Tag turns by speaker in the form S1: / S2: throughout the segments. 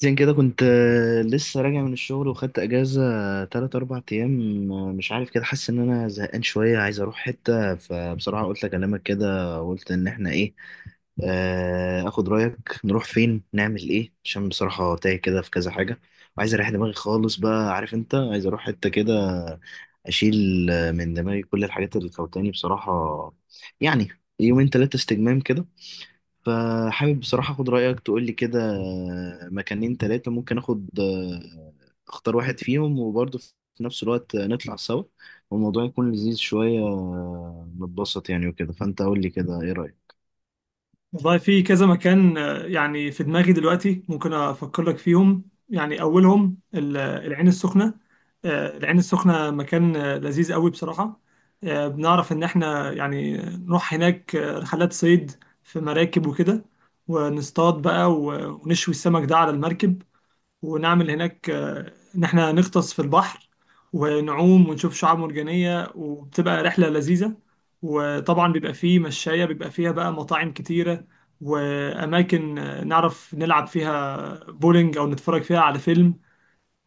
S1: زين كده كنت لسه راجع من الشغل وخدت اجازه تلات اربع ايام، مش عارف كده حاسس ان انا زهقان شويه عايز اروح حته. فبصراحه قلت اكلمك كده وقلت ان احنا ايه، اخد رايك نروح فين نعمل ايه عشان بصراحه تايه كده في كذا حاجه وعايز اريح دماغي خالص. بقى عارف انت عايز اروح حته كده اشيل من دماغي كل الحاجات اللي كوتاني بصراحه، يعني يومين تلاتة استجمام كده. فحابب بصراحة اخد رأيك تقول لي كده مكانين تلاتة ممكن اخد، اختار واحد فيهم وبرضه في نفس الوقت نطلع سوا والموضوع يكون لذيذ شوية، نتبسط يعني وكده. فانت قول لي كده ايه رأيك.
S2: والله في كذا مكان، يعني في دماغي دلوقتي ممكن أفكر لك فيهم. يعني أولهم العين السخنة. العين السخنة مكان لذيذ قوي بصراحة. بنعرف إن إحنا يعني نروح هناك رحلات صيد في مراكب وكده، ونصطاد بقى ونشوي السمك ده على المركب، ونعمل هناك إن إحنا نغطس في البحر، ونعوم ونشوف شعاب مرجانية، وبتبقى رحلة لذيذة. وطبعا بيبقى فيه مشاية بيبقى فيها بقى مطاعم كتيرة، وأماكن نعرف نلعب فيها بولينج أو نتفرج فيها على فيلم.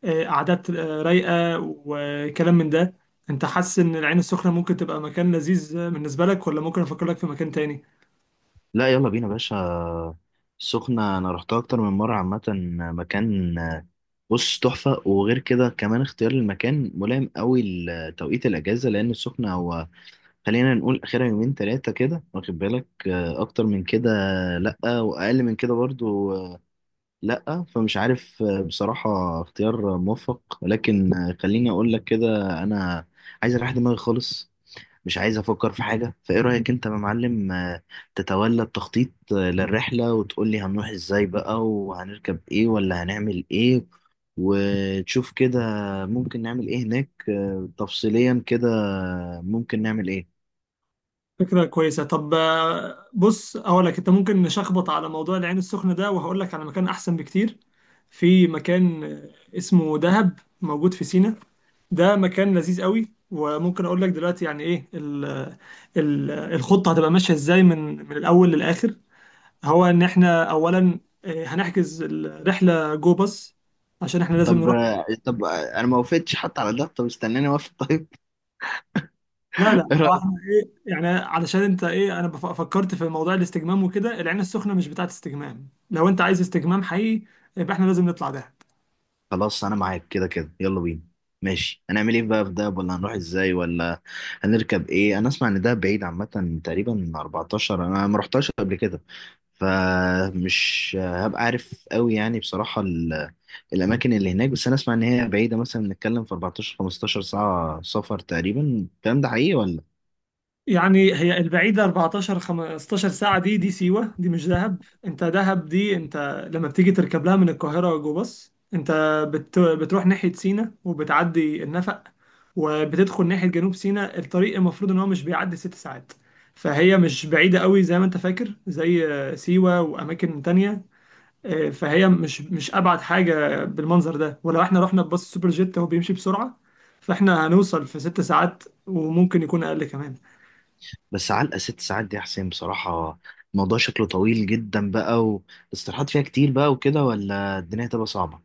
S2: قعدات رايقة، وكلام من ده. أنت حاسس إن العين السخنة ممكن تبقى مكان لذيذ بالنسبة لك، ولا ممكن أفكر لك في مكان تاني؟
S1: لا يلا بينا يا باشا. السخنة انا رحتها اكتر من مرة عامة. مكان، بص، تحفة. وغير كده كمان اختيار المكان ملائم قوي لتوقيت الاجازة لان السخنة هو خلينا نقول اخرها يومين ثلاثه كده، واخد بالك اكتر من كده لا، واقل من كده برضو لا. فمش عارف، بصراحه اختيار موفق، لكن خليني اقول لك كده، انا عايز اريح دماغي خالص، مش عايز افكر في حاجه. فايه رايك انت يا معلم، تتولى التخطيط للرحله وتقول لي هنروح ازاي بقى وهنركب ايه ولا هنعمل ايه، وتشوف كده ممكن نعمل ايه هناك، تفصيليا كده ممكن نعمل ايه.
S2: فكرة كويسة. طب بص أقول لك، أنت ممكن نشخبط على موضوع العين السخنة ده، وهقول لك على مكان أحسن بكتير. في مكان اسمه دهب موجود في سينا. ده مكان لذيذ قوي، وممكن أقول لك دلوقتي يعني إيه ال الخطة هتبقى ماشية إزاي من الأول للآخر. هو إن إحنا أولا هنحجز الرحلة جو باص، عشان إحنا لازم
S1: طب
S2: نروح.
S1: طب انا ما وافقتش حتى على ده، طب استناني اوافق طيب.
S2: لا، لا.
S1: ايه رايك.
S2: يعني علشان انت ايه، انا فكرت في موضوع الاستجمام وكده. العين السخنه مش بتاعت استجمام. لو انت عايز استجمام حقيقي، يبقى احنا لازم نطلع دهب.
S1: خلاص انا معاك كده كده، يلا بينا. ماشي هنعمل ايه بقى في دهب، ولا هنروح ازاي، ولا هنركب ايه. انا اسمع ان دهب بعيد عامه، تقريبا 14، انا ما رحتهاش قبل كده فمش هبقى عارف قوي، يعني بصراحه الاماكن اللي هناك. بس انا اسمع ان هي بعيده، مثلا بنتكلم في 14 15 ساعه سفر تقريبا. الكلام ده حقيقي ولا؟
S2: يعني هي البعيده 14 15 ساعه، دي سيوه، دي مش دهب. انت دهب دي، انت لما بتيجي تركب لها من القاهره جو باص، انت بتروح ناحيه سينا، وبتعدي النفق، وبتدخل ناحيه جنوب سينا. الطريق المفروض ان هو مش بيعدي 6 ساعات. فهي مش بعيده قوي زي ما انت فاكر، زي سيوه واماكن تانية. فهي مش ابعد حاجه بالمنظر ده، ولو احنا رحنا بباص السوبر جيت هو بيمشي بسرعه. فاحنا هنوصل في 6 ساعات، وممكن يكون اقل كمان.
S1: بس علقة ست ساعات دي يا حسين بصراحة، الموضوع شكله طويل جدا بقى. والاستراحات فيها كتير بقى وكده، ولا الدنيا هتبقى صعبة؟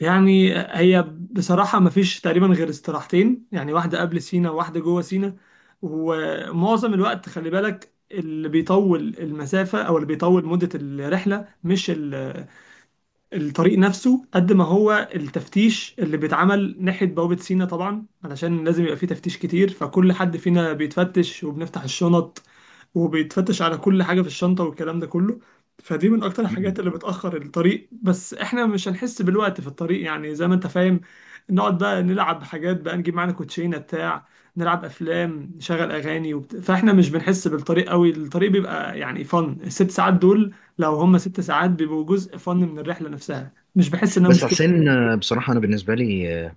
S2: يعني هي بصراحه مفيش تقريبا غير استراحتين، يعني واحده قبل سينا وواحده جوه سينا. ومعظم الوقت خلي بالك، اللي بيطول المسافه او اللي بيطول مده الرحله مش الطريق نفسه قد ما هو التفتيش اللي بيتعمل ناحية بوابة سينا. طبعا علشان لازم يبقى فيه تفتيش كتير، فكل حد فينا بيتفتش وبنفتح الشنط، وبيتفتش على كل حاجة في الشنطة والكلام ده كله. فدي من أكتر
S1: مم.
S2: الحاجات اللي بتأخر الطريق، بس إحنا مش هنحس بالوقت في الطريق يعني زي ما أنت فاهم. نقعد بقى نلعب حاجات بقى، نجيب معانا كوتشينة بتاع، نلعب أفلام، نشغل أغاني فإحنا مش بنحس بالطريق قوي. الطريق بيبقى يعني فن الـ6 ساعات دول. لو هم 6 ساعات، بيبقوا جزء فن من الرحلة نفسها، مش بحس انها
S1: بس يا
S2: مشكلة.
S1: حسين، بصراحة أنا بالنسبة لي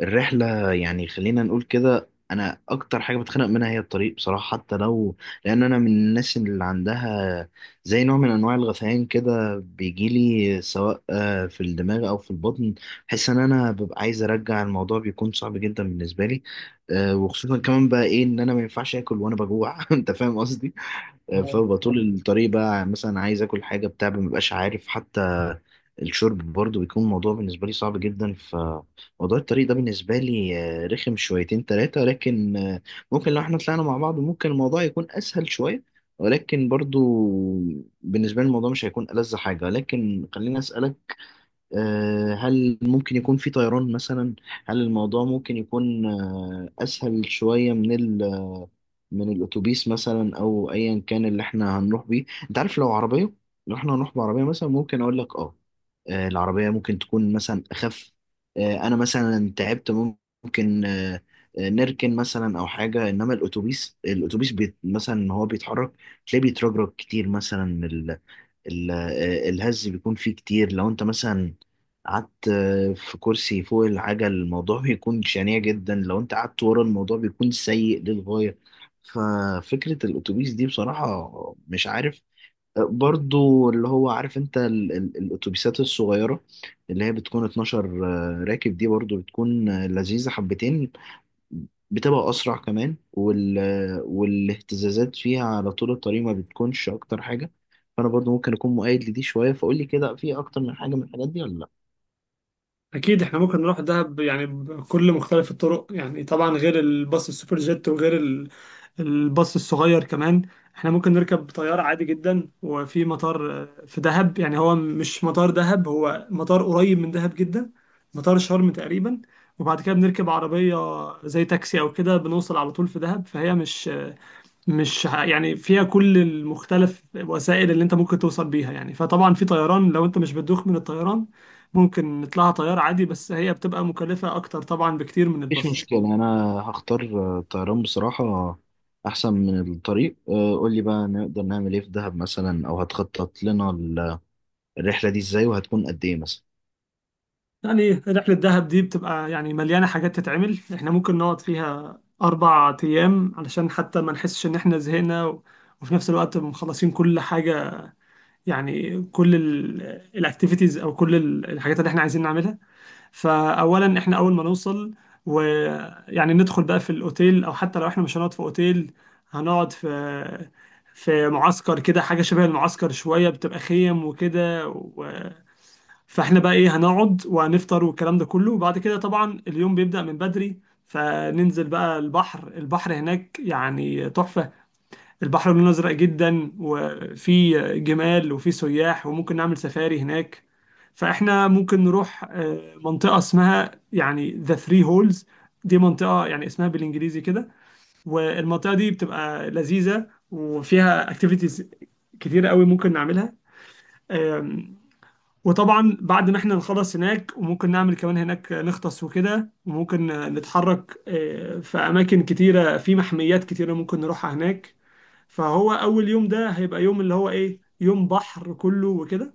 S1: الرحلة يعني خلينا نقول كده، أنا أكتر حاجة بتخنق منها هي الطريق بصراحة، حتى لو. لأن أنا من الناس اللي عندها زي نوع من أنواع الغثيان كده بيجيلي، سواء في الدماغ أو في البطن. بحس إن أنا ببقى عايز أرجع، الموضوع بيكون صعب جدا بالنسبة لي. وخصوصا كمان بقى إيه إن أنا ما ينفعش آكل وأنا بجوع. أنت فاهم قصدي. فببقى طول الطريق بقى مثلا عايز اكل حاجه بتاع، ما ببقاش عارف حتى. الشرب برضو بيكون موضوع بالنسبه لي صعب جدا. فموضوع الطريق ده بالنسبه لي رخم شويتين ثلاثه، لكن ممكن لو احنا طلعنا مع بعض ممكن الموضوع يكون اسهل شويه. ولكن برضو بالنسبه لي الموضوع مش هيكون ألذ حاجه. لكن خليني اسالك، هل ممكن يكون في طيران مثلا؟ هل الموضوع ممكن يكون أسهل شوية من ال آه، من الأتوبيس مثلا أو أيا كان اللي إحنا هنروح بيه؟ أنت عارف لو عربية، لو إحنا هنروح بعربية مثلا ممكن أقول لك آه، العربية ممكن تكون مثلا أخف. أنا مثلا تعبت، ممكن نركن مثلا أو حاجة. إنما الأتوبيس، الأتوبيس مثلا هو بيتحرك، تلاقيه بيترجرج كتير مثلا. الهز بيكون فيه كتير، لو انت مثلا قعدت في كرسي فوق العجل الموضوع بيكون شنيع جدا. لو انت قعدت ورا، الموضوع بيكون سيء للغاية. ففكرة الأتوبيس دي بصراحة مش عارف. برضو اللي هو عارف انت الأتوبيسات الصغيرة اللي هي بتكون 12 راكب، دي برضو بتكون لذيذة حبتين، بتبقى أسرع كمان والاهتزازات فيها على طول الطريق ما بتكونش أكتر حاجة. فأنا برضو ممكن أكون مؤيد لدي شوية. فقول لي كده، في أكتر من حاجة من الحاجات دي ولا لأ؟
S2: اكيد احنا ممكن نروح دهب يعني بكل مختلف الطرق. يعني طبعا غير الباص السوبر جيت، وغير الباص الصغير كمان. احنا ممكن نركب طيارة عادي جدا، وفي مطار في دهب. يعني هو مش مطار دهب، هو مطار قريب من دهب جدا. مطار شرم تقريبا، وبعد كده بنركب عربية زي تاكسي او كده بنوصل على طول في دهب. فهي مش مش ه- يعني فيها كل المختلف وسائل اللي انت ممكن توصل بيها. يعني فطبعا في طيران لو انت مش بتدوخ من الطيران، ممكن نطلعها طيارة عادي، بس هي بتبقى مكلفة اكتر طبعا بكتير من
S1: مفيش
S2: الباص.
S1: مشكلة، أنا هختار الطيران بصراحة، أحسن من الطريق. قول لي بقى نقدر نعمل إيه في دهب مثلا، أو هتخطط لنا الرحلة دي إزاي، وهتكون قد إيه مثلا؟
S2: يعني رحلة دهب دي بتبقى يعني مليانة حاجات تتعمل. احنا ممكن نقعد فيها 4 ايام علشان حتى ما نحسش ان احنا زهقنا، وفي نفس الوقت مخلصين كل حاجة. يعني كل الاكتيفيتيز، او كل الحاجات اللي احنا عايزين نعملها. فاولا احنا اول ما نوصل ويعني ندخل بقى في الاوتيل. او حتى لو احنا مش هنقعد في اوتيل، هنقعد في معسكر كده، حاجه شبه المعسكر شويه، بتبقى خيم وكده فاحنا بقى ايه هنقعد وهنفطر والكلام ده كله. وبعد كده طبعا اليوم بيبدأ من بدري. فننزل بقى البحر، البحر هناك يعني تحفة. البحر لونه أزرق جدا، وفي جمال وفي سياح، وممكن نعمل سفاري هناك. فإحنا ممكن نروح منطقة اسمها يعني ذا ثري هولز. دي منطقة يعني اسمها بالإنجليزي كده، والمنطقة دي بتبقى لذيذة وفيها اكتيفيتيز كتيرة قوي ممكن نعملها. آم، وطبعا بعد ما احنا نخلص هناك، وممكن نعمل كمان هناك نغطس وكده، وممكن نتحرك في أماكن كتيرة، في محميات كتيرة ممكن نروحها هناك. فهو اول يوم ده هيبقى يوم اللي هو ايه، يوم بحر كله وكده.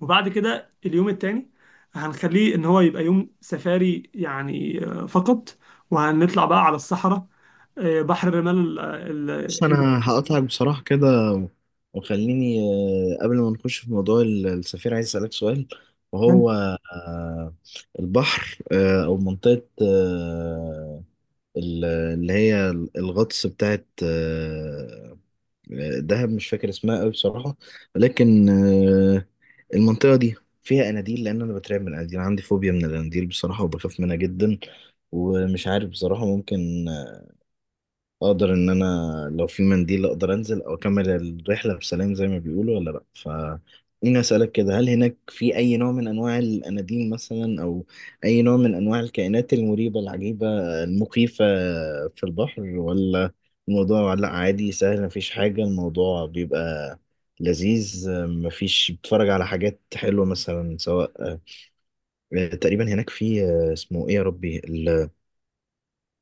S2: وبعد كده اليوم التاني هنخليه ان هو يبقى يوم سفاري يعني فقط. وهنطلع بقى على الصحراء، بحر الرمال
S1: بس
S2: ال-
S1: انا هقطعك بصراحه كده، وخليني قبل ما نخش في موضوع السفير عايز اسالك سؤال.
S2: ال-
S1: وهو آه، البحر، او منطقه، اللي هي الغطس بتاعت دهب، مش فاكر اسمها قوي بصراحه. لكن المنطقه دي فيها اناديل؟ لان انا بترعب من الاناديل، عندي فوبيا من الاناديل بصراحه وبخاف منها جدا. ومش عارف بصراحه ممكن اقدر ان انا، لو في منديل اقدر انزل او اكمل الرحله بسلام زي ما بيقولوا ولا لا. ف خليني اسالك كده، هل هناك في اي نوع من انواع الاناديل مثلا، او اي نوع من انواع الكائنات المريبه العجيبه المخيفه في البحر؟ ولا الموضوع لا عادي سهل مفيش حاجه، الموضوع بيبقى لذيذ، مفيش، بتتفرج على حاجات حلوه مثلا. سواء تقريبا هناك في اسمه ايه يا ربي،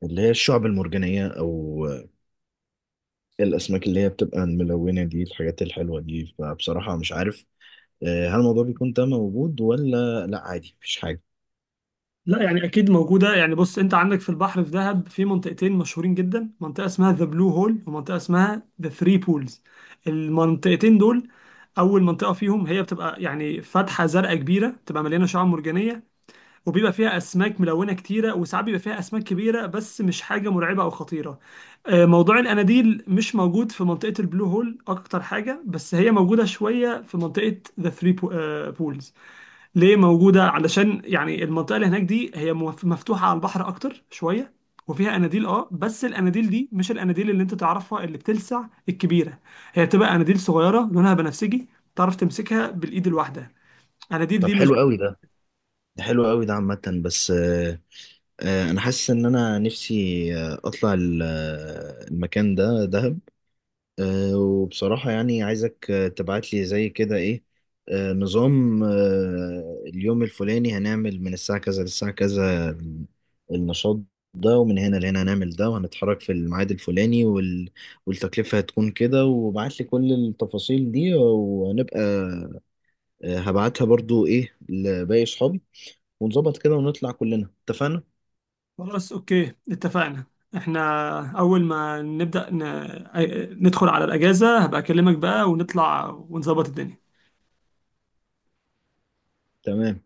S1: اللي هي الشعب المرجانيه او الأسماك اللي هي بتبقى الملونة دي، الحاجات الحلوة دي. فبصراحة مش عارف، هل الموضوع بيكون ده موجود ولا لأ عادي مفيش حاجة؟
S2: لا، يعني اكيد موجوده. يعني بص، انت عندك في البحر في دهب في منطقتين مشهورين جدا، منطقه اسمها ذا بلو هول ومنطقه اسمها ذا ثري بولز. المنطقتين دول، اول منطقه فيهم هي بتبقى يعني فتحه زرقاء كبيره بتبقى مليانه شعاب مرجانيه، وبيبقى فيها اسماك ملونه كتيره، وساعات بيبقى فيها اسماك كبيره، بس مش حاجه مرعبه او خطيره. موضوع الاناديل مش موجود في منطقه البلو هول اكتر حاجه، بس هي موجوده شويه في منطقه ذا ثري بولز. ليه موجوده؟ علشان يعني المنطقه اللي هناك دي هي مفتوحه على البحر اكتر شويه. وفيها اناديل، اه، بس الاناديل دي مش الاناديل اللي انت تعرفها اللي بتلسع الكبيره. هي بتبقى اناديل صغيره لونها بنفسجي، تعرف تمسكها بالايد الواحده. الاناديل
S1: طب
S2: دي مش
S1: حلو قوي ده، ده حلو قوي ده عامة. بس أنا حاسس إن أنا نفسي أطلع المكان ده دهب. وبصراحة يعني عايزك، تبعت لي زي كده إيه، نظام، اليوم الفلاني هنعمل من الساعة كذا للساعة كذا النشاط ده، ومن هنا لهنا هنعمل ده، وهنتحرك في الميعاد الفلاني والتكلفة هتكون كده. وبعت لي كل التفاصيل دي، وهنبقى هبعتها برضو إيه لباقي صحابي ونظبط كده ونطلع كلنا. اتفقنا؟
S2: خلاص، اوكي، اتفقنا. احنا اول ما نبدأ ندخل على الاجازة، هبقى اكلمك بقى، ونطلع ونظبط الدنيا.
S1: تمام.